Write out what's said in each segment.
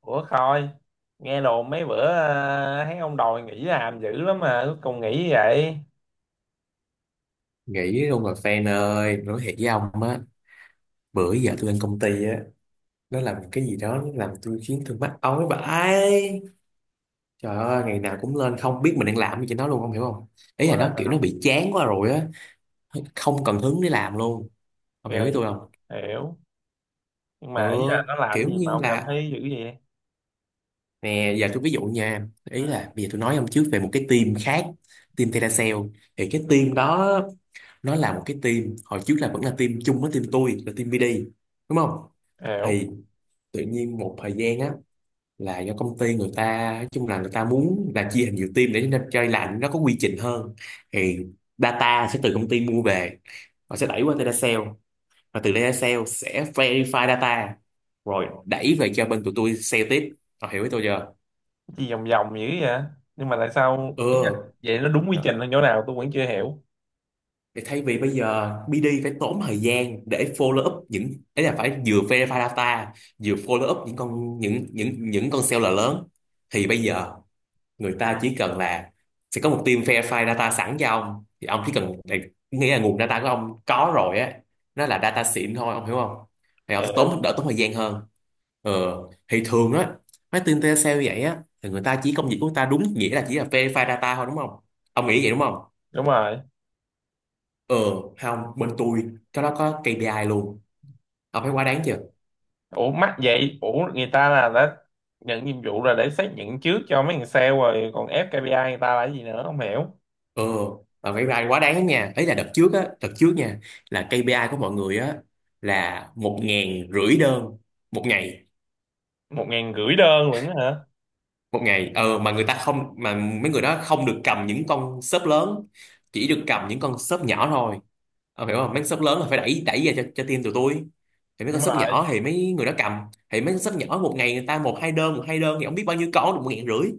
Ủa Khôi, nghe đồn mấy bữa thấy ông đòi nghỉ làm dữ lắm mà cuối cùng nghỉ vậy. Nghĩ luôn rồi fan ơi, nói thiệt với ông á, bữa giờ tôi lên công ty á, nó làm cái gì đó, nó làm tôi khiến tôi mắc ói vãi. Trời ơi, ngày nào cũng lên không biết mình đang làm gì cho nó luôn, không hiểu không. Ý Ủa là là nó kiểu nó sao? bị chán quá rồi á, không cần hứng để làm luôn. Ông hiểu ý Rồi, tôi không? hiểu. Nhưng Ừ, mà ý là nó làm kiểu gì mà như ông cảm là, thấy dữ vậy? nè giờ tôi ví dụ nha, Ừ, ý là bây giờ tôi nói ông trước về một cái team khác, team Teracell. Thì cái team đó nó là một cái team hồi trước là vẫn là team chung với team tôi là team BD, đúng không? hiểu. Thì tự nhiên một thời gian á, là do công ty, người ta nói chung là người ta muốn là chia thành nhiều team để cho chơi lạnh nó có quy trình hơn. Thì data sẽ từ công ty mua về và sẽ đẩy qua data sale, và từ data sale sẽ verify data rồi đẩy về cho bên tụi tôi sale tiếp. Họ hiểu với tôi chưa? Gì vòng vòng dữ vậy? Nhưng mà tại sao ý là Ừ. vậy nó đúng quy Rồi. trình ở chỗ nào tôi vẫn chưa hiểu. Thì thay vì bây giờ BD phải tốn thời gian để follow up những ấy là phải vừa verify data, vừa follow up những con, những những con seller lớn, thì bây giờ người ta chỉ cần là sẽ có một team verify data sẵn cho ông, thì ông chỉ cần, nghĩa là nguồn data của ông có rồi á, nó là data xịn thôi, ông hiểu không? Thì ông Hiểu. tốn, đỡ tốn thời gian hơn. ờ thì thường á, mấy team telesale sale vậy á thì người ta chỉ, công việc của người ta đúng nghĩa là chỉ là verify data thôi, đúng không? Ông nghĩ vậy đúng không? Đúng rồi. ờ Không, bên tôi cái đó có KPI luôn, ông thấy quá đáng chưa? Ủa mắc vậy, ủa người ta là đã nhận nhiệm vụ là để xác nhận trước cho mấy thằng sale rồi còn ép KPI người ta là cái gì nữa không hiểu. Ừ, mà phải vai quá đáng nha. Ấy là đợt trước á, đợt trước nha, là KPI của mọi người á là một ngàn rưỡi đơn một ngày, Một ngàn rưỡi đơn lận hả? một ngày. Ờ, mà người ta không, mà mấy người đó không được cầm những con shop lớn, chỉ được cầm những con shop nhỏ thôi. Ờ, hiểu không? Mấy con shop lớn là phải đẩy, đẩy ra cho team tụi tôi. Thì mấy con Đúng shop rồi. nhỏ thì mấy người đó cầm, thì mấy con shop nhỏ một ngày người ta một hai đơn thì không biết bao nhiêu con được một ngàn rưỡi.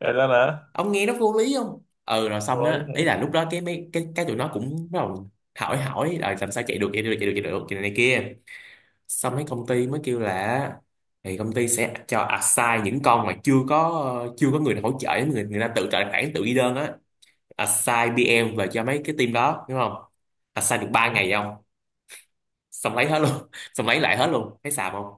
Rồi đó nữa. Ông nghe nó vô lý không? Ừ, rồi xong Lấy á, thì ý là lúc đó cái mấy cái tụi nó cũng bắt đầu hỏi hỏi là làm sao chạy được, chạy này kia. Xong mấy công ty mới kêu là, thì công ty sẽ cho assign những con mà chưa có người hỗ trợ, người người ta tự trợ bản tự ghi đơn á, assign PM về cho mấy cái team đó, đúng không? Assign được 3 ngày không, xong lấy hết luôn. Xong lấy lại hết luôn, thấy xàm không?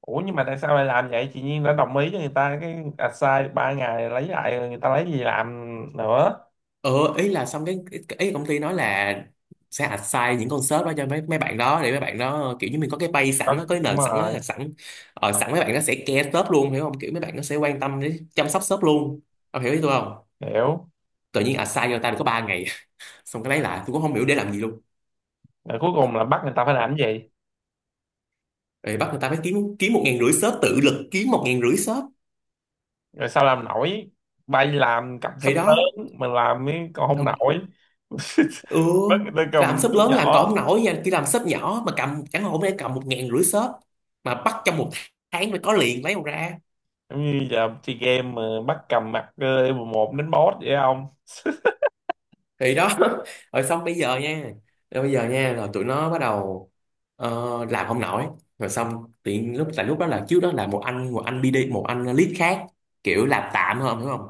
Ủa nhưng mà tại sao lại làm vậy? Chị Nhiên đã đồng ý cho người ta cái assign 3 ngày lấy lại rồi người ta lấy gì làm nữa. ờ Ý là xong cái, ý công ty nói là sẽ assign những con sếp đó cho mấy mấy bạn đó để mấy bạn đó kiểu như mình có cái base sẵn á, Đó, có cái đúng nền sẵn á. rồi, Sẵn mấy bạn nó sẽ care sếp luôn, hiểu không, kiểu mấy bạn nó sẽ quan tâm đến, chăm sóc sếp luôn, ông hiểu ý tôi không? hiểu. Tự nhiên assign cho ta được có 3 ngày, xong cái lấy lại, tôi cũng không hiểu để làm gì luôn. Rồi cuối cùng là bắt người ta phải làm cái gì? Ê, bắt người ta phải kiếm kiếm một ngàn rưỡi shop, tự lực kiếm một ngàn rưỡi shop. Rồi sao làm nổi? Bay làm cầm súp Thì đó. lớn, mà làm cái còn không Không- nổi. ừ, Bắt người ta làm cầm shop súp lớn nhỏ. làm còn không nổi nha, khi làm shop nhỏ mà cầm, chẳng hạn hôm nay cầm một ngàn rưỡi shop mà bắt trong một tháng phải có liền, lấy đâu ra? Giống như giờ chơi game mà bắt cầm mặt level 1 đến boss vậy không? Thì đó. Rồi xong bây giờ nha, rồi tụi nó bắt đầu, ờ, làm không nổi. Rồi xong tiện lúc, tại lúc đó là trước đó là một anh, BD, một anh lead khác kiểu làm tạm hơn, hiểu không?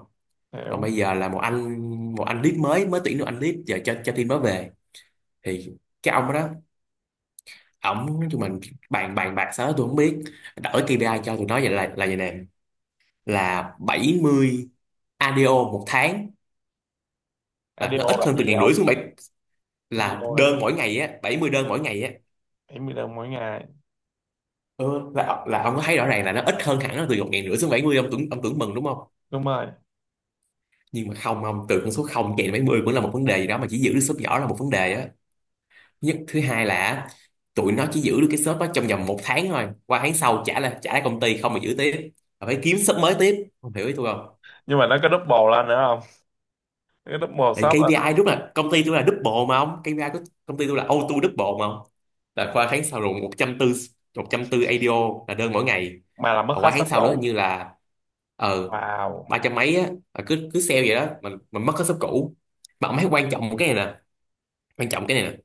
Còn Hiểu. bây giờ là một anh, một anh lead mới, mới tuyển được anh lead giờ cho team đó về. Thì cái ông đó, ổng tụi mình bàn bàn bạc sao đó tôi không biết, đổi KPI cho tụi nó vậy, là vậy nè, là 70 ADO một tháng, là nó IDO ít là hơn cái từ gì ngàn rưỡi không? xuống bảy, là IDO là cái gì? đơn mỗi ngày á, 70 đơn mỗi ngày á. Bảy mươi đồng mỗi ngày. Ừ, là ông có thấy rõ ràng là nó ít hơn hẳn, là từ một ngàn rưỡi xuống bảy mươi, ông tưởng, mừng đúng không? Đúng rồi. Nhưng mà không ông, từ con số không chạy đến bảy mươi cũng là một vấn đề gì đó, mà chỉ giữ được shop nhỏ là một vấn đề á. Nhất, thứ hai là tụi nó chỉ giữ được cái shop đó trong vòng một tháng thôi, qua tháng sau trả lại, công ty không mà giữ tiếp. Mà phải kiếm shop mới tiếp, không hiểu ý tôi không? Nhưng mà nó có double lên nữa không? Cái top 1 Thì shop là, KPI đúng là công ty tôi là double mà ông, KPI của công ty tôi là auto double mà ông, là qua tháng sau rồi 140, 140 ADO là đơn mỗi ngày. mà là mất Và hết qua tháng shop sau nữa hình cũ. như là, ờ, Wow. ba trăm mấy á, là cứ cứ sale vậy đó, mình, mất hết shop cũ. Mà ông thấy, quan trọng cái này nè, quan trọng cái này nè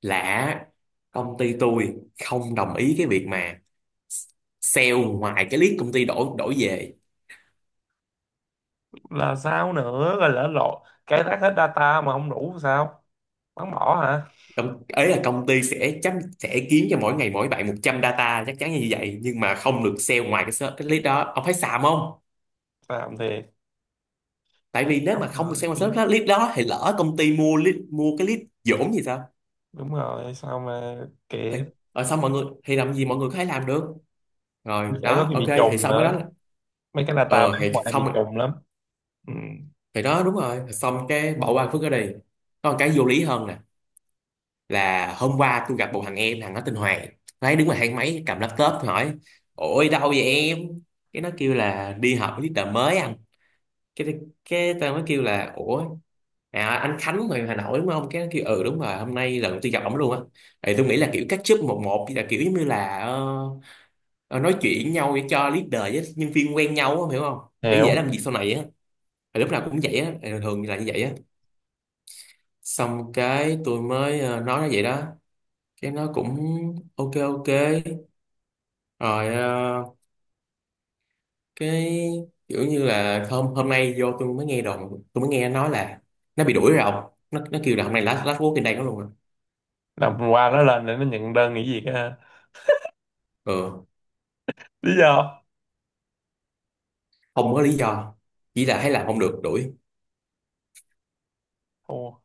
là công ty tôi không đồng ý cái việc mà sale ngoài cái list công ty đổi, về. Là sao nữa, rồi lỡ lộ cái rác hết data mà không đủ sao, bắn bỏ hả? Công ấy là công ty sẽ chấm, sẽ kiếm cho mỗi ngày mỗi bạn 100 data, chắc chắn là như vậy, nhưng mà không được sale ngoài cái ser- cái lead đó, ông thấy xàm không? Làm thiệt. Tại vì nếu Nhóc mà vô không được rồi sale ngoài search- kia. cái lead đó thì lỡ công ty mua lead, mua cái lead dỗm gì sao? Đúng rồi sao mà Thì kệ. ở, xong mọi người thì làm gì, mọi người có thể làm được. Rồi Phải có đó, khi ok, bị thì trùng xong mới nói nữa, là, mấy cái data ờ, bán thì ngoài xong bị rồi. trùng lắm. Ừ. Thì đó, đúng rồi, xong cái bỏ qua phước ở đây. Còn cái vô lý hơn nè, là hôm qua tôi gặp một thằng em, thằng nó tên Hoàng. Nó ấy đứng ngoài thang máy cầm laptop, tôi hỏi ôi đâu vậy em. Cái nó kêu là đi họp với leader mới anh. cái cái tao mới kêu là ủa, à, anh Khánh người Hà Nội đúng không. Cái nó kêu ừ đúng rồi, hôm nay lần đầu tiên gặp ổng luôn á. Thì tôi nghĩ là kiểu catch up một một là kiểu giống như là, ờ, ờ, nói chuyện với nhau để cho leader với nhân viên quen nhau á, hiểu không? Để dễ Hiểu. làm việc sau này á. Thì lúc nào cũng vậy á, thì thường là như vậy á. Xong cái tôi mới, ờ, nói nó vậy đó. Cái nó cũng ok ok. Rồi ờ, cái, kiểu như là hôm hôm nay vô tôi mới nghe đồn, tôi mới nghe nó nói là nó bị đuổi rồi ông. Nó kêu là hôm nay last, last work in đây nó luôn rồi. Làm qua nó lên để nó nhận đơn nghỉ việc ha. Ừ, Lý do. không có lý do, chỉ là thấy làm không được đuổi. Ồ,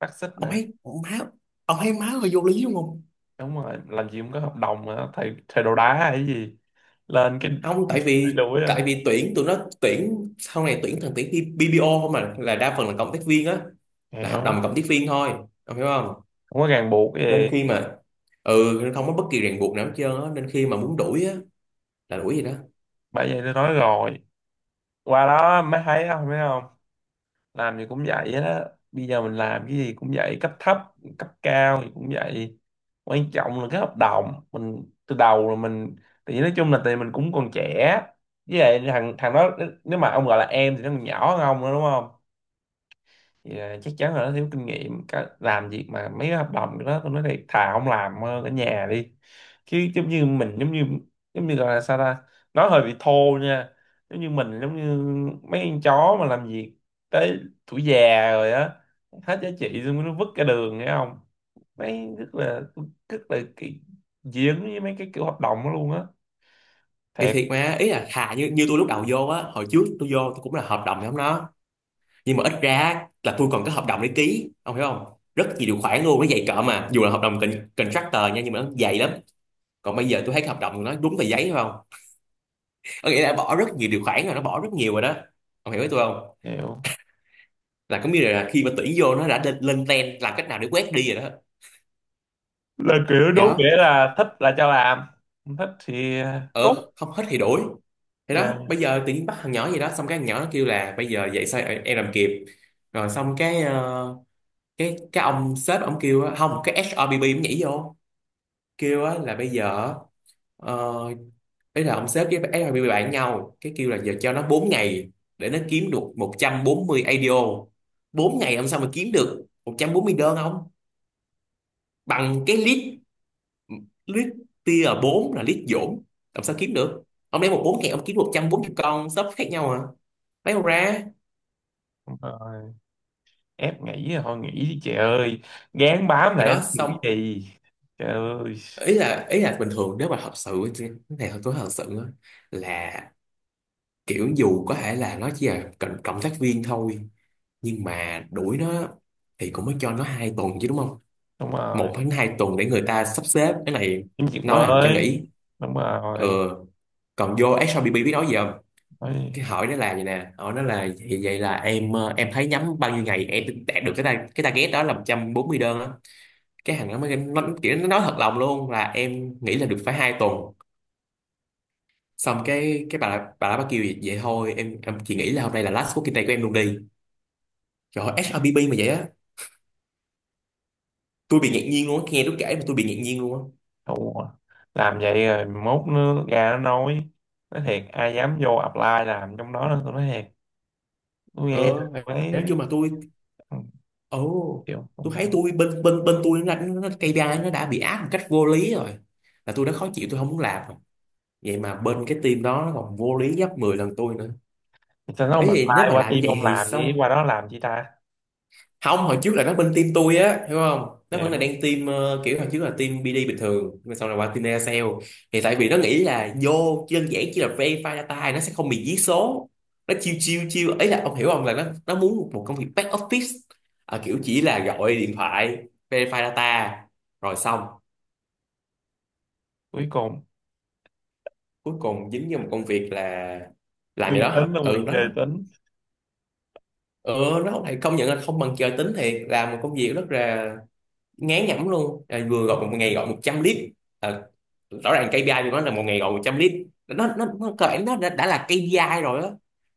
phát xít Ông nữa. thấy má, hơi vô lý đúng không? Đúng rồi làm gì cũng có hợp đồng mà thầy thầy đồ đá hay gì lên cái. Không tại Thầy vì, đuổi á, tại vì tuyển, tụi nó tuyển sau này tuyển thằng, tuyển BPO không mà, là đa phần là cộng tác viên á, là hợp đồng hiểu. cộng tác viên thôi, ông hiểu không? Không có ràng buộc Nên gì. khi mà, ừ, không có bất kỳ ràng buộc nào hết trơn á, nên khi mà muốn đuổi á là đuổi gì đó. Bởi vậy tôi nói rồi, qua đó mới thấy không biết không. Làm gì cũng vậy hết á. Bây giờ mình làm cái gì cũng vậy, cấp thấp cấp cao thì cũng vậy. Quan trọng là cái hợp đồng mình từ đầu là mình. Thì nói chung là tại mình cũng còn trẻ, với lại thằng thằng đó, nếu mà ông gọi là em thì nó còn nhỏ hơn ông nữa đúng không? Thì chắc chắn là nó thiếu kinh nghiệm. Cả- làm việc mà mấy cái hợp đồng đó tôi nói thiệt thà không làm, hơn ở nhà đi. Chứ giống như mình giống như gọi là sao ta, nói hơi bị thô nha, giống như mình, giống như mấy con chó mà làm việc tới tuổi già rồi á, hết giá trị xong nó vứt cả đường nghe không. Mấy rất là cái dính với mấy cái kiểu hợp đồng đó luôn á, Thì thiệt. thiệt mà, ý là thà như như tôi lúc đầu vô á, hồi trước tôi vô tôi cũng là hợp đồng giống nó, nhưng mà ít ra là tôi còn có hợp đồng để ký, ông hiểu không? Rất nhiều điều khoản luôn, nó dày cỡ, mà dù là hợp đồng con- contractor nha, nhưng mà nó dày lắm. Còn bây giờ tôi thấy cái hợp đồng của nó đúng tờ giấy phải không, có nghĩa là bỏ rất nhiều điều khoản rồi, nó bỏ rất nhiều rồi đó, ông hiểu với tôi không? Hiểu. Là có nghĩa là khi mà tuyển vô nó đã lên, lên trend làm cách nào để quét đi rồi đó. Là kiểu Thì đúng đó. nghĩa là thích là cho làm, không thích thì cút. Ờ, không hết thì đuổi. Thì đó, bây giờ tự nhiên bắt thằng nhỏ gì đó, xong cái thằng nhỏ nó kêu là bây giờ vậy sao em làm kịp. Rồi xong cái, ờ, cái ông sếp ông kêu á, không cái HRBB cũng nhảy vô kêu á là bây giờ, ờ, ấy là ông Sếp với HRBB bạn nhau, cái kêu là giờ cho nó 4 ngày để nó kiếm được 140 ADO. 4 ngày ông sao mà kiếm được 140 đơn, không bằng cái list, list tier 4 là list dỗm, làm sao kiếm được. Ông lấy 1 4 ngày ông kiếm 140 con shop khác nhau à, lấy đâu ra. Nè, ép nghỉ là thôi nghỉ đi chị ơi, gán bám Rồi lại đó giữ gì. xong, Trời ơi. Ý là bình thường nếu mà thật sự cái này tôi thật sự á, là kiểu dù có thể là nó chỉ là cộng tác viên thôi, nhưng mà đuổi nó thì cũng mới cho nó 2 tuần chứ, đúng không? Đúng rồi. 1 đến 2 tuần để người ta sắp xếp cái này, Kiếm việc nó làm cho mới. nghỉ. Đúng Ờ, rồi. còn vô SRBB biết nói gì không? Ôi, Cái hỏi nó là vậy nè, hỏi nó là vậy, vậy là em em thấy nhắm bao nhiêu ngày em đạt được cái ta cái target đó là 140 đơn á. Cái thằng nó mới nó, kiểu nó nói thật lòng luôn là em nghĩ là được phải 2 tuần. Xong cái cái bà đó bà kêu vậy, vậy thôi em chỉ nghĩ là hôm nay là last working day của em luôn đi. Trời ơi, SRBB mà vậy á. Tôi bị ngạc nhiên luôn á, nghe nó kể mà tôi bị ngạc nhiên luôn á. thua. Làm vậy rồi mốt nó ra nó nói thiệt ai dám vô apply làm trong đó nữa, tôi nói thiệt. Tôi Ờ, nghe, tôi nói thấy. chung mà tôi, Ừ, ồ, hiểu không tôi thấy hiểu. tôi bên bên bên tôi nó KPI nó đã bị áp một cách vô lý rồi, là tôi đã khó chịu tôi không muốn làm rồi. Vậy mà bên cái team đó nó còn vô lý gấp 10 lần tôi nữa. Sao nó không Ấy thì apply nếu mà qua làm như team vậy ông thì làm đi, sao, qua đó làm chi ta. không hồi trước là nó bên team tôi á, hiểu không, nó vẫn là Hiểu. đang team kiểu hồi trước là team BD bình thường nhưng mà sau này qua team Aircell. Thì tại vì nó nghĩ là vô đơn giản chỉ là verify data nó sẽ không bị giết số, nó chiêu chiêu chiêu ấy là ông hiểu không, là nó muốn một công việc back office, à, kiểu chỉ là gọi điện thoại verify data rồi xong. Cuối cùng Cuối cùng dính vô một công việc là làm gì người đó, tính là ừ người đó đó. trời tính. Ừ, nó lại công nhận là không bằng trời tính thiệt, làm một công việc rất là ngán nhẩm luôn à, vừa gọi một ngày gọi 100 lít. À, rõ ràng KPI của nó là một ngày gọi 100 lít, nó cơ bản nó đã là KPI rồi á,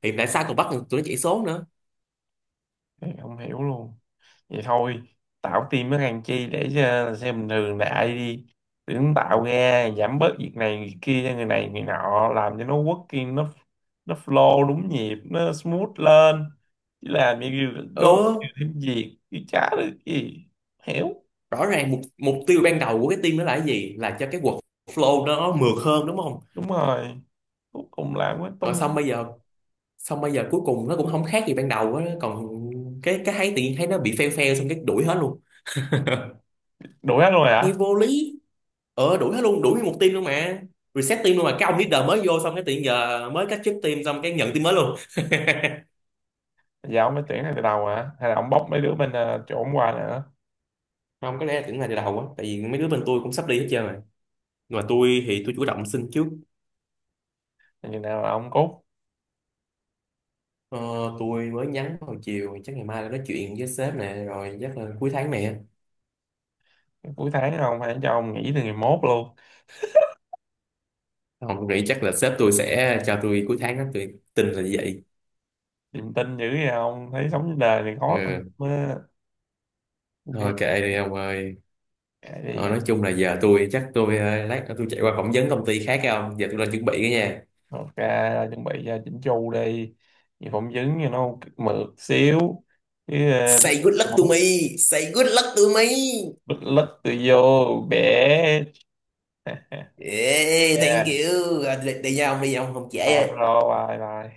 thì tại sao còn bắt được tụi nó chạy số nữa. Thì không hiểu luôn. Vậy thôi, tạo team với thằng Chi để cho xe bình thường đại đi. Tưởng tạo ra giảm bớt việc này việc kia cho người này người nọ, làm cho nó working, nó flow đúng nhịp, nó smooth lên, chứ làm như Ừ, gói nhiều thêm việc chứ chả được gì. Hiểu. rõ ràng mục mục tiêu ban đầu của cái team đó là cái gì, là cho cái workflow nó mượt hơn, đúng không? Đúng rồi. Cuối cùng làm với Rồi tung. xong bây giờ, xong bây giờ cuối cùng nó cũng không khác gì ban đầu á, còn cái thấy tự nhiên thấy nó bị fail fail xong cái đuổi hết luôn, Đuổi hết luôn rồi nghe hả? vô lý. Ờ, đuổi hết luôn, đuổi nguyên một team luôn mà, reset team luôn mà, cái ông leader mới vô xong cái tự nhiên giờ mới cách chức team xong cái nhận team mới luôn. Giờ ông phải tuyển ngay từ đầu hả hay là ông bóc mấy đứa bên chỗ ông qua nữa? Không, có lẽ là tưởng là từ đầu á, tại vì mấy đứa bên tôi cũng sắp đi hết trơn rồi, nhưng mà tôi thì tôi chủ động xin trước. Rồi chừng nào là ông cốt? ờ, tôi mới nhắn hồi chiều, chắc ngày mai là nói chuyện với sếp nè, rồi chắc là cuối tháng này á. Cuối tháng không, phải cho ông nghỉ từ ngày mốt luôn. Không, tôi nghĩ chắc là sếp tôi sẽ cho tôi cuối tháng đó, tôi tin là như vậy. Niềm tin dữ vậy không? Thấy sống trên đời này khó tin Ừ. quá. Thôi Ok, kệ đi ông ơi. kệ Thôi, đi. nói chung là giờ tôi chắc tôi lát nữa tôi chạy qua phỏng vấn công ty khác, không giờ tôi lên chuẩn bị cái nha. Ok, chuẩn bị ra chỉnh chu đi. Vì phỏng vấn cho nó mượt xíu. Cái Say good luck to mốt me, say good luck to me. bịch lứt tôi vô, bẻ. Yeah, thank Yeah, you. Rồi, đi, đi nha ông, không trễ. bye bro, bye bye.